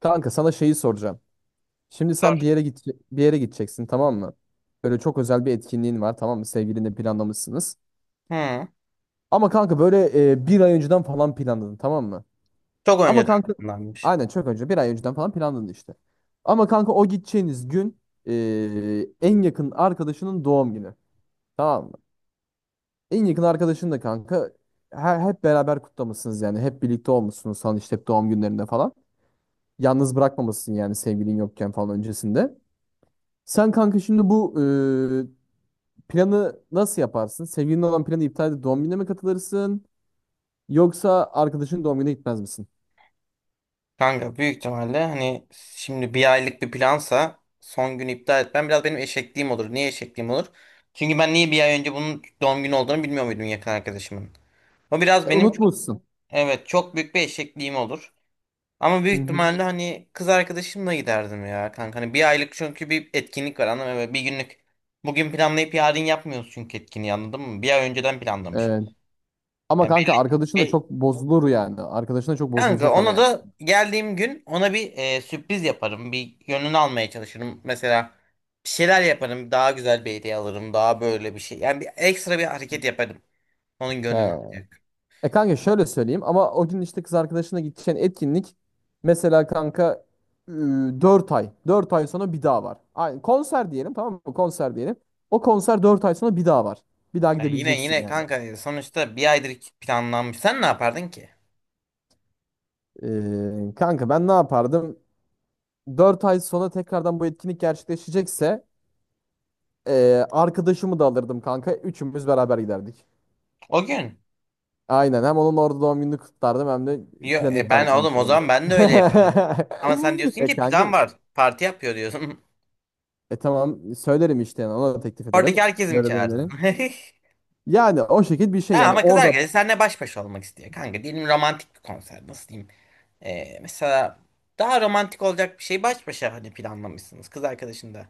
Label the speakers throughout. Speaker 1: Kanka sana şeyi soracağım. Şimdi sen bir yere git bir yere gideceksin, tamam mı? Böyle çok özel bir etkinliğin var, tamam mı? Sevgilinle planlamışsınız.
Speaker 2: Hı.
Speaker 1: Ama kanka böyle bir ay önceden falan planladın, tamam mı?
Speaker 2: Çok
Speaker 1: Ama
Speaker 2: önceden
Speaker 1: kanka
Speaker 2: planlanmış.
Speaker 1: aynen çok önce bir ay önceden falan planladın işte. Ama kanka o gideceğiniz gün en yakın arkadaşının doğum günü, tamam mı? En yakın arkadaşın da kanka hep beraber kutlamışsınız yani hep birlikte olmuşsunuz falan işte hep doğum günlerinde falan. Yalnız bırakmamışsın yani sevgilin yokken falan öncesinde. Sen kanka şimdi bu planı nasıl yaparsın? Sevgilinin olan planı iptal edip doğum gününe mi katılırsın? Yoksa arkadaşın doğum gününe gitmez misin?
Speaker 2: Kanka büyük ihtimalle hani şimdi bir aylık bir plansa son günü iptal etmem biraz benim eşekliğim olur. Niye eşekliğim olur? Çünkü ben niye bir ay önce bunun doğum günü olduğunu bilmiyor muydum yakın arkadaşımın. O biraz benim çok,
Speaker 1: Unutmuşsun.
Speaker 2: evet çok büyük bir eşekliğim olur. Ama
Speaker 1: Hı
Speaker 2: büyük
Speaker 1: hı.
Speaker 2: ihtimalle hani kız arkadaşımla giderdim ya kanka. Hani bir aylık çünkü bir etkinlik var anladın mı? Böyle bir günlük. Bugün planlayıp yarın yapmıyoruz çünkü etkinliği anladın mı? Bir ay önceden planlamışız.
Speaker 1: Evet. Ama
Speaker 2: Yani
Speaker 1: kanka arkadaşın da
Speaker 2: belli.
Speaker 1: çok bozulur yani. Arkadaşın da çok
Speaker 2: Kanka
Speaker 1: bozulacak ama
Speaker 2: ona
Speaker 1: yani.
Speaker 2: da geldiğim gün ona bir sürpriz yaparım. Bir gönlünü almaya çalışırım. Mesela bir şeyler yaparım. Daha güzel bir hediye alırım. Daha böyle bir şey. Yani bir ekstra bir hareket yaparım. Onun
Speaker 1: He.
Speaker 2: gönlünü alacak.
Speaker 1: E kanka şöyle söyleyeyim, ama o gün işte kız arkadaşına gideceğin etkinlik mesela kanka 4 ay. Dört ay sonra bir daha var. Aynı konser diyelim, tamam mı? Konser diyelim. O konser 4 ay sonra bir daha var. Bir daha
Speaker 2: Yani yine
Speaker 1: gidebileceksin
Speaker 2: yine
Speaker 1: yani.
Speaker 2: kanka sonuçta bir aydır planlanmış. Sen ne yapardın ki?
Speaker 1: Kanka ben ne yapardım? 4 ay sonra tekrardan bu etkinlik gerçekleşecekse arkadaşımı da alırdım kanka. Üçümüz beraber giderdik.
Speaker 2: O gün.
Speaker 1: Aynen, hem onun orada doğum gününü kutlardım hem de
Speaker 2: Yo,
Speaker 1: planı iptal
Speaker 2: ben oğlum
Speaker 1: etmemiş
Speaker 2: o
Speaker 1: olalım.
Speaker 2: zaman ben de öyle yaparım. Ama sen diyorsun
Speaker 1: E
Speaker 2: ki
Speaker 1: kanka
Speaker 2: plan var. Parti yapıyor diyorsun.
Speaker 1: e tamam söylerim işte yani, ona da teklif
Speaker 2: Oradaki
Speaker 1: ederim.
Speaker 2: herkesi mi
Speaker 1: Böyle böyle
Speaker 2: çağırdın?
Speaker 1: derim. Yani o şekilde bir
Speaker 2: Ha,
Speaker 1: şey yani
Speaker 2: ama kız
Speaker 1: orada
Speaker 2: arkadaşı seninle baş başa olmak istiyor. Kanka diyelim romantik bir konser. Nasıl diyeyim? Mesela daha romantik olacak bir şey baş başa hani planlamışsınız kız arkadaşında.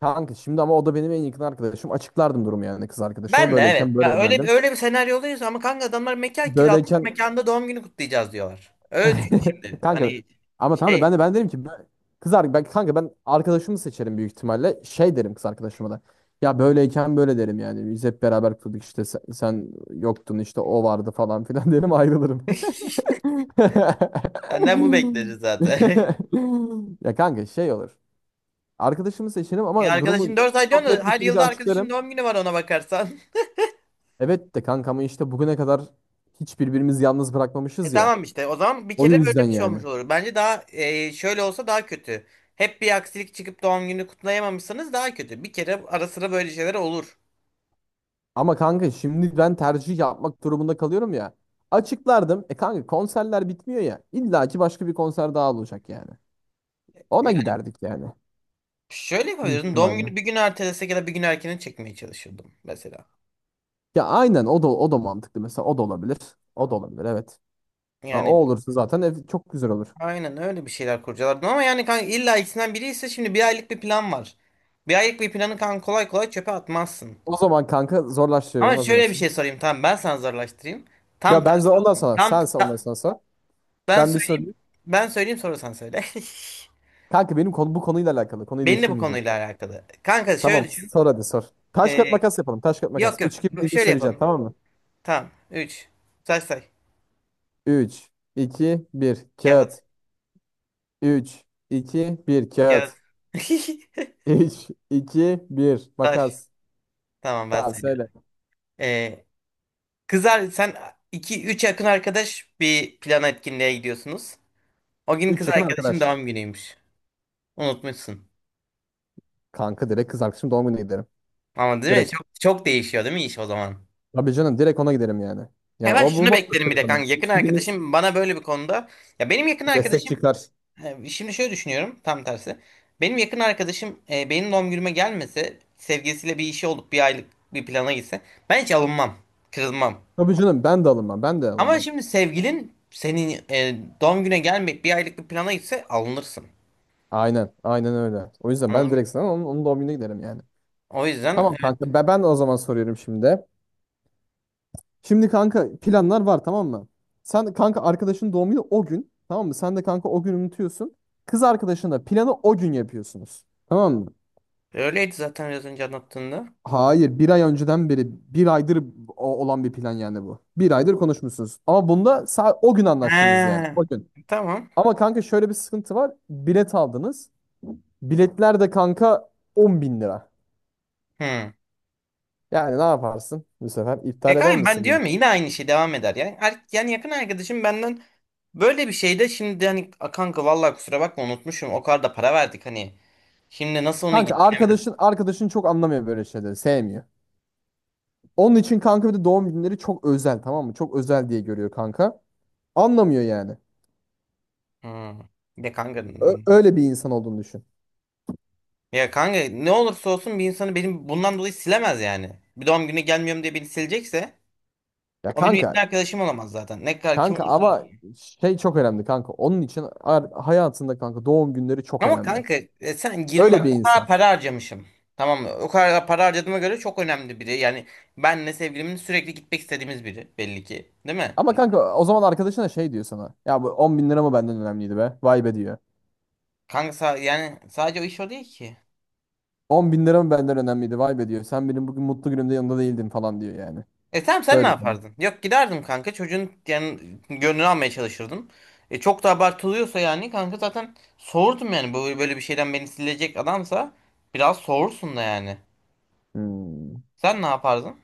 Speaker 1: kanka şimdi ama o da benim en yakın arkadaşım. Açıklardım durumu yani kız arkadaşıma.
Speaker 2: Ben de evet.
Speaker 1: Böyleyken
Speaker 2: Ya
Speaker 1: böyle
Speaker 2: öyle bir
Speaker 1: derdim.
Speaker 2: öyle bir senaryodayız ama kanka adamlar mekan kiralamış,
Speaker 1: Böyleyken
Speaker 2: mekanda doğum günü kutlayacağız diyorlar. Öyle düşün şimdi.
Speaker 1: kanka
Speaker 2: Hani
Speaker 1: ama tamam da
Speaker 2: şey
Speaker 1: ben derim ki ben kanka ben arkadaşımı seçerim büyük ihtimalle. Şey derim kız arkadaşıma da. Ya böyleyken böyle derim yani. Biz hep beraber kurduk işte sen yoktun işte o vardı falan filan derim, ayrılırım.
Speaker 2: senden bu bekleriz zaten.
Speaker 1: Ya kanka şey olur. Arkadaşımı seçerim
Speaker 2: E
Speaker 1: ama
Speaker 2: arkadaşın
Speaker 1: durumu
Speaker 2: dört ay
Speaker 1: çok
Speaker 2: diyorsun da
Speaker 1: net bir
Speaker 2: her
Speaker 1: şekilde
Speaker 2: yılda arkadaşın
Speaker 1: açıklarım.
Speaker 2: doğum günü var ona bakarsan.
Speaker 1: Evet de kanka, ama işte bugüne kadar hiç birbirimizi yalnız
Speaker 2: E
Speaker 1: bırakmamışız ya.
Speaker 2: tamam işte o zaman bir
Speaker 1: O
Speaker 2: kere
Speaker 1: yüzden
Speaker 2: böyle bir şey
Speaker 1: yani.
Speaker 2: olmuş olur. Bence daha şöyle olsa daha kötü. Hep bir aksilik çıkıp doğum günü kutlayamamışsanız daha kötü. Bir kere ara sıra böyle şeyler olur.
Speaker 1: Ama kanka şimdi ben tercih yapmak durumunda kalıyorum ya. Açıklardım. E kanka konserler bitmiyor ya. İlla ki başka bir konser daha olacak yani. Ona giderdik yani.
Speaker 2: Şöyle
Speaker 1: Büyük
Speaker 2: yapabilirdim. Doğum
Speaker 1: ihtimalle.
Speaker 2: günü bir gün ertelesek ya da bir gün erkene çekmeye çalışırdım mesela.
Speaker 1: Ya aynen, o da o da mantıklı mesela, o da olabilir. O da olabilir, evet. Ha, o
Speaker 2: Yani
Speaker 1: olursa zaten ev çok güzel olur.
Speaker 2: aynen öyle bir şeyler kurcalardım ama yani kanka illa ikisinden biri ise şimdi bir aylık bir plan var. Bir aylık bir planı kanka kolay kolay çöpe atmazsın.
Speaker 1: O zaman kanka zorlaştırıyorum,
Speaker 2: Ama
Speaker 1: hazır
Speaker 2: şöyle bir
Speaker 1: mısın?
Speaker 2: şey sorayım, tamam ben sana zorlaştırayım. Tam
Speaker 1: Ya
Speaker 2: tersi
Speaker 1: ondan
Speaker 2: oldu.
Speaker 1: sonra
Speaker 2: Tam
Speaker 1: sen ondan
Speaker 2: ta-
Speaker 1: sonra sor.
Speaker 2: ben
Speaker 1: Ben bir
Speaker 2: söyleyeyim.
Speaker 1: sorayım.
Speaker 2: Ben söyleyeyim sonra sen söyle.
Speaker 1: Kanka benim konu bu konuyla alakalı. Konuyu
Speaker 2: Benim de bu
Speaker 1: değiştirmeyeceğim.
Speaker 2: konuyla alakalı. Kanka
Speaker 1: Tamam,
Speaker 2: şöyle düşün.
Speaker 1: sor, hadi sor. Taş kat
Speaker 2: Ee,
Speaker 1: makas yapalım. Taş kat
Speaker 2: yok
Speaker 1: makas.
Speaker 2: yok.
Speaker 1: Üç 2 deyince
Speaker 2: Şöyle
Speaker 1: söyleyeceğim,
Speaker 2: yapalım.
Speaker 1: tamam mı?
Speaker 2: Tamam. Üç. Say say.
Speaker 1: Üç, iki, bir.
Speaker 2: Kağıt.
Speaker 1: Kağıt. Üç, iki, bir.
Speaker 2: Kağıt.
Speaker 1: Kağıt. Üç, iki, bir.
Speaker 2: Taş.
Speaker 1: Makas.
Speaker 2: Tamam ben
Speaker 1: Tamam,
Speaker 2: söylüyorum.
Speaker 1: söyle.
Speaker 2: Ee, kızar sen iki üç yakın arkadaş bir plana etkinliğe gidiyorsunuz. O gün kız
Speaker 1: Üç yakın
Speaker 2: arkadaşın
Speaker 1: arkadaş.
Speaker 2: doğum günüymüş. Unutmuşsun.
Speaker 1: Kanka direkt kız arkadaşım doğum gününe giderim.
Speaker 2: Ama değil mi?
Speaker 1: Direkt.
Speaker 2: Çok, çok değişiyor değil mi iş o zaman?
Speaker 1: Tabii canım, direkt ona giderim yani. Yani
Speaker 2: Hemen
Speaker 1: o bu
Speaker 2: şunu beklerim
Speaker 1: bambaşka
Speaker 2: bir
Speaker 1: bir
Speaker 2: de kanka.
Speaker 1: konu.
Speaker 2: Yakın
Speaker 1: İstediğimiz
Speaker 2: arkadaşım bana böyle bir konuda. Ya benim yakın
Speaker 1: destek
Speaker 2: arkadaşım
Speaker 1: çıkar.
Speaker 2: şimdi şöyle düşünüyorum tam tersi. Benim yakın arkadaşım benim doğum günüme gelmese sevgilisiyle bir işi olup bir aylık bir plana gitse ben hiç alınmam. Kırılmam.
Speaker 1: Tabii canım, ben de alınmam. Ben de
Speaker 2: Ama
Speaker 1: alınmam.
Speaker 2: şimdi sevgilin senin doğum güne gelmeyip bir aylık bir plana gitse alınırsın.
Speaker 1: Aynen. Aynen öyle. O yüzden
Speaker 2: Anladın
Speaker 1: ben
Speaker 2: mı?
Speaker 1: direkt sana onun doğum gününe giderim yani.
Speaker 2: O yüzden
Speaker 1: Tamam
Speaker 2: evet,
Speaker 1: kanka ben de o zaman soruyorum şimdi. Şimdi kanka planlar var, tamam mı? Sen kanka arkadaşın doğum günü o gün, tamam mı? Sen de kanka o gün unutuyorsun. Kız arkadaşınla planı o gün yapıyorsunuz. Tamam mı?
Speaker 2: öyleydi zaten biraz önce anlattığında.
Speaker 1: Hayır, bir ay önceden beri bir aydır olan bir plan yani bu. Bir aydır konuşmuşsunuz. Ama bunda o gün anlaştınız yani,
Speaker 2: He,
Speaker 1: o gün.
Speaker 2: tamam.
Speaker 1: Ama kanka şöyle bir sıkıntı var. Bilet aldınız. Biletler de kanka 10 bin lira.
Speaker 2: Hı.
Speaker 1: Yani ne yaparsın bu sefer? İptal eder
Speaker 2: Pekala ben
Speaker 1: misin beni?
Speaker 2: diyorum ya yine aynı şey devam eder. Yani, yakın arkadaşım benden böyle bir şeyde şimdi hani "A kanka vallahi kusura bakma unutmuşum o kadar da para verdik hani. Şimdi nasıl onu
Speaker 1: Kanka
Speaker 2: git?
Speaker 1: arkadaşın çok anlamıyor böyle şeyleri. Sevmiyor. Onun için kanka bir de doğum günleri çok özel, tamam mı? Çok özel diye görüyor kanka. Anlamıyor yani.
Speaker 2: Hı. De kanka
Speaker 1: Öyle bir insan olduğunu düşün.
Speaker 2: ya kanka ne olursa olsun bir insanı benim bundan dolayı silemez yani. Bir doğum günü gelmiyorum diye beni silecekse
Speaker 1: Ya
Speaker 2: o benim yakın
Speaker 1: kanka,
Speaker 2: arkadaşım olamaz zaten. Ne kadar kim
Speaker 1: kanka
Speaker 2: olursa
Speaker 1: ama
Speaker 2: olsun.
Speaker 1: şey çok önemli kanka. Onun için hayatında kanka doğum günleri çok
Speaker 2: Ama
Speaker 1: önemli.
Speaker 2: kanka sen 20
Speaker 1: Öyle
Speaker 2: bak
Speaker 1: bir
Speaker 2: o kadar
Speaker 1: insan.
Speaker 2: para harcamışım. Tamam mı? O kadar para harcadığıma göre çok önemli biri. Yani benle sevgilimin sürekli gitmek istediğimiz biri belli ki. Değil mi?
Speaker 1: Ama kanka o zaman arkadaşına şey diyor sana. Ya bu 10 bin lira mı benden önemliydi be? Vay be diyor.
Speaker 2: Kanka yani sadece o iş o değil ki.
Speaker 1: 10 bin lira mı benden önemliydi? Vay be diyor. Sen benim bugün mutlu günümde yanında değildin falan diyor yani.
Speaker 2: E tamam sen ne
Speaker 1: Böyle konu.
Speaker 2: yapardın? Yok giderdim kanka çocuğun yani gönlünü almaya çalışırdım. E çok da abartılıyorsa yani kanka zaten soğurdum yani böyle böyle bir şeyden beni silecek adamsa biraz soğursun da yani.
Speaker 1: Hmm.
Speaker 2: Sen ne yapardın?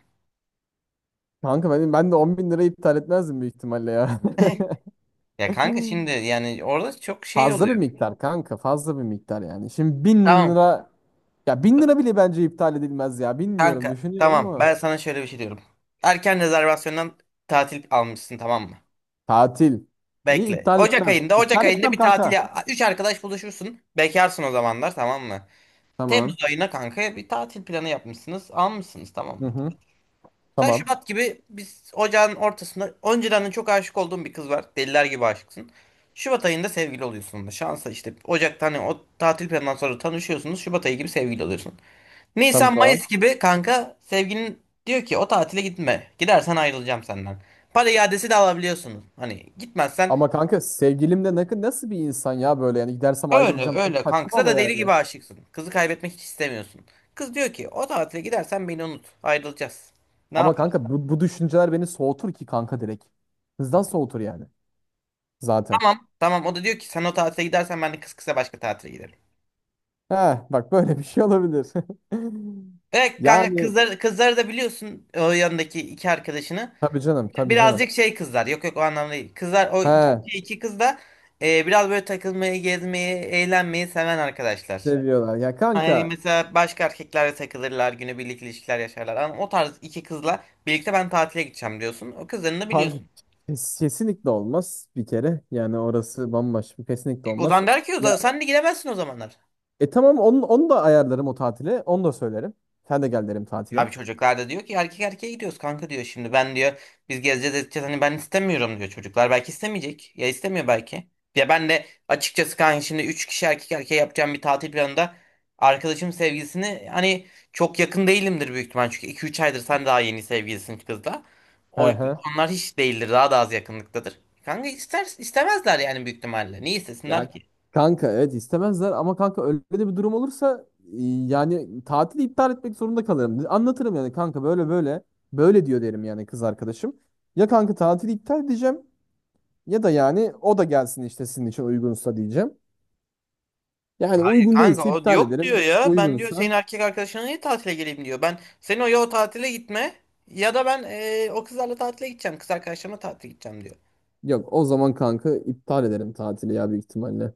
Speaker 1: Kanka ben de 10 bin lirayı iptal etmezdim büyük ihtimalle ya.
Speaker 2: Ya kanka şimdi yani orada çok şey
Speaker 1: Fazla bir
Speaker 2: oluyor.
Speaker 1: miktar kanka, fazla bir miktar yani. Şimdi bin
Speaker 2: Tamam
Speaker 1: lira ya, bin lira bile bence iptal edilmez ya. Bilmiyorum,
Speaker 2: kanka,
Speaker 1: düşünüyorum
Speaker 2: tamam ben
Speaker 1: ama
Speaker 2: sana şöyle bir şey diyorum. Erken rezervasyondan tatil almışsın, tamam mı?
Speaker 1: tatil. Niye
Speaker 2: Bekle.
Speaker 1: iptal
Speaker 2: Ocak
Speaker 1: etmem.
Speaker 2: ayında Ocak
Speaker 1: İptal
Speaker 2: ayında
Speaker 1: etmem
Speaker 2: bir
Speaker 1: kanka.
Speaker 2: tatile 3 arkadaş buluşursun. Bekarsın o zamanlar, tamam mı? Temmuz
Speaker 1: Tamam.
Speaker 2: ayına kanka bir tatil planı yapmışsınız almışsınız, tamam
Speaker 1: Hı
Speaker 2: mı?
Speaker 1: hı.
Speaker 2: Sen
Speaker 1: Tamam.
Speaker 2: Şubat gibi, biz ocağın ortasında önceden de çok aşık olduğun bir kız var. Deliler gibi aşıksın. Şubat ayında sevgili oluyorsun. Da şansa işte Ocak'tan hani o tatil planından sonra tanışıyorsunuz. Şubat ayı gibi sevgili oluyorsun. Nisan Mayıs
Speaker 1: Tamam.
Speaker 2: gibi kanka sevgilin diyor ki o tatile gitme. Gidersen ayrılacağım senden. Para iadesi de alabiliyorsunuz. Hani gitmezsen
Speaker 1: Ama kanka sevgilim de nasıl bir insan ya böyle yani, gidersem
Speaker 2: öyle
Speaker 1: ayrılacağım çok
Speaker 2: öyle kanka.
Speaker 1: saçma
Speaker 2: Kıza
Speaker 1: ama
Speaker 2: da deli
Speaker 1: yani.
Speaker 2: gibi aşıksın. Kızı kaybetmek hiç istemiyorsun. Kız diyor ki o tatile gidersen beni unut. Ayrılacağız. Ne
Speaker 1: Ama
Speaker 2: yapar?
Speaker 1: kanka bu düşünceler beni soğutur ki kanka direkt. Hızdan soğutur yani zaten.
Speaker 2: Tamam. Tamam o da diyor ki sen o tatile gidersen ben de kız kıza başka tatile giderim.
Speaker 1: Heh, bak böyle bir şey olabilir.
Speaker 2: Evet kanka
Speaker 1: Yani
Speaker 2: kızları da biliyorsun, o yanındaki iki arkadaşını.
Speaker 1: tabii canım, tabii canım.
Speaker 2: Birazcık şey kızlar. Yok yok, o anlamda değil. Kızlar o iki,
Speaker 1: He.
Speaker 2: iki kız da biraz böyle takılmayı, gezmeyi, eğlenmeyi seven arkadaşlar.
Speaker 1: Seviyorlar. Ya
Speaker 2: Hani
Speaker 1: kanka
Speaker 2: mesela başka erkeklerle takılırlar, günübirlik ilişkiler yaşarlar. Ama o tarz iki kızla birlikte ben tatile gideceğim diyorsun. O kızlarını da
Speaker 1: punk
Speaker 2: biliyorsun.
Speaker 1: kesinlikle olmaz bir kere. Yani orası bambaşka, kesinlikle
Speaker 2: O
Speaker 1: olmaz.
Speaker 2: zaman der ki o zaman
Speaker 1: Ya
Speaker 2: sen de gidemezsin o zamanlar.
Speaker 1: e tamam onu da ayarlarım o tatile. Onu da söylerim. Sen de gel derim tatile.
Speaker 2: Abi çocuklar da diyor ki erkek erkeğe gidiyoruz kanka diyor, şimdi ben diyor biz gezeceğiz edeceğiz hani ben istemiyorum diyor, çocuklar belki istemeyecek ya istemiyor belki. Ya ben de açıkçası kanka şimdi 3 kişi erkek erkeğe yapacağım bir tatil planında arkadaşım sevgilisini hani çok yakın değilimdir büyük ihtimal, çünkü iki üç aydır sen daha yeni sevgilisin kızla.
Speaker 1: He
Speaker 2: O,
Speaker 1: he.
Speaker 2: onlar hiç değildir, daha da az yakınlıktadır. Kanka ister, istemezler yani, büyük ihtimalle niye istesinler
Speaker 1: Ya
Speaker 2: ki?
Speaker 1: kanka evet, istemezler ama kanka öyle de bir durum olursa yani tatili iptal etmek zorunda kalırım. Anlatırım yani kanka böyle böyle böyle diyor derim yani kız arkadaşım. Ya kanka tatili iptal edeceğim ya da yani o da gelsin işte sizin için uygunsa diyeceğim. Yani uygun
Speaker 2: Kanka
Speaker 1: değilse
Speaker 2: o
Speaker 1: iptal
Speaker 2: yok diyor
Speaker 1: ederim.
Speaker 2: ya. Ben diyor
Speaker 1: Uygunsa
Speaker 2: senin erkek arkadaşına niye tatile geleyim diyor. Ben sen o ya o tatile gitme ya da ben o kızlarla tatile gideceğim. Kız arkadaşlarımla tatile gideceğim diyor.
Speaker 1: yok, o zaman kanka iptal ederim tatili ya, büyük ihtimalle.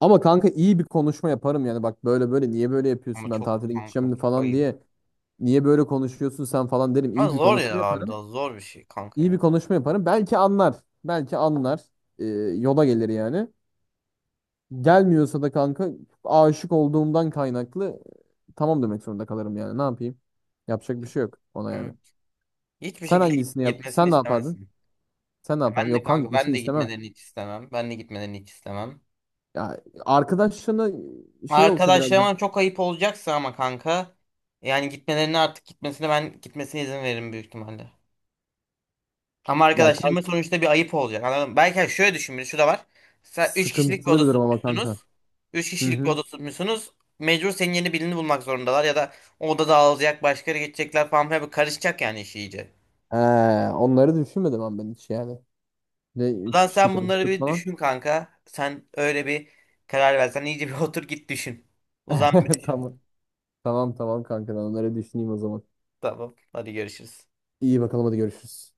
Speaker 1: Ama kanka iyi bir konuşma yaparım yani, bak böyle böyle niye böyle
Speaker 2: Ama
Speaker 1: yapıyorsun ben
Speaker 2: çok
Speaker 1: tatile
Speaker 2: kanka,
Speaker 1: gideceğim
Speaker 2: çok
Speaker 1: falan
Speaker 2: ayıp.
Speaker 1: diye. Niye böyle konuşuyorsun sen falan derim.
Speaker 2: Ama
Speaker 1: İyi bir
Speaker 2: zor ya
Speaker 1: konuşma
Speaker 2: abi,
Speaker 1: yaparım.
Speaker 2: daha zor bir şey kanka
Speaker 1: İyi bir
Speaker 2: ya.
Speaker 1: konuşma yaparım. Belki anlar. Belki anlar. Ee, yola gelir yani. Gelmiyorsa da kanka aşık olduğumdan kaynaklı tamam demek zorunda kalırım yani. Ne yapayım? Yapacak bir şey yok ona yani.
Speaker 2: Hı. Hiçbir
Speaker 1: Sen
Speaker 2: şekilde
Speaker 1: hangisini yap?
Speaker 2: gitmesini
Speaker 1: Sen ne yapardın?
Speaker 2: istemezsin.
Speaker 1: Sen ne
Speaker 2: Ya
Speaker 1: yapardın?
Speaker 2: ben de
Speaker 1: Yok kanka,
Speaker 2: kanka, ben
Speaker 1: gitmesini
Speaker 2: de
Speaker 1: istemem.
Speaker 2: gitmelerini hiç istemem. Ben de gitmelerini hiç istemem.
Speaker 1: Ya arkadaşlarına şey olsa biraz,
Speaker 2: Arkadaşlarıma çok ayıp olacaksa ama kanka yani gitmelerine artık gitmesine ben gitmesine izin veririm büyük ihtimalle. Ama
Speaker 1: ya kanka
Speaker 2: arkadaşlarıma sonuçta bir ayıp olacak. Anladın mı? Belki hani şöyle düşün, bir şu da var. Sen 3 kişilik bir
Speaker 1: sıkıntılı bir
Speaker 2: oda
Speaker 1: durum ama
Speaker 2: tutmuşsunuz.
Speaker 1: kanka.
Speaker 2: üç
Speaker 1: Hı
Speaker 2: kişilik bir
Speaker 1: hı.
Speaker 2: oda tutmuşsunuz. Mecbur senin yeni birini bulmak zorundalar ya da o oda dağılacak, başkaları geçecekler falan filan, bir karışacak yani iş iyice.
Speaker 1: He, onları düşünmedim ben hiç yani. Ne üç
Speaker 2: Ulan
Speaker 1: kişilik
Speaker 2: sen bunları
Speaker 1: oturttuk
Speaker 2: bir
Speaker 1: falan.
Speaker 2: düşün kanka. Sen öyle bir karar versen iyice bir otur git düşün. Uzan bir düşün.
Speaker 1: Tamam. Tamam tamam kanka ben onları düşüneyim o zaman.
Speaker 2: Tamam. Hadi görüşürüz.
Speaker 1: İyi bakalım, hadi görüşürüz.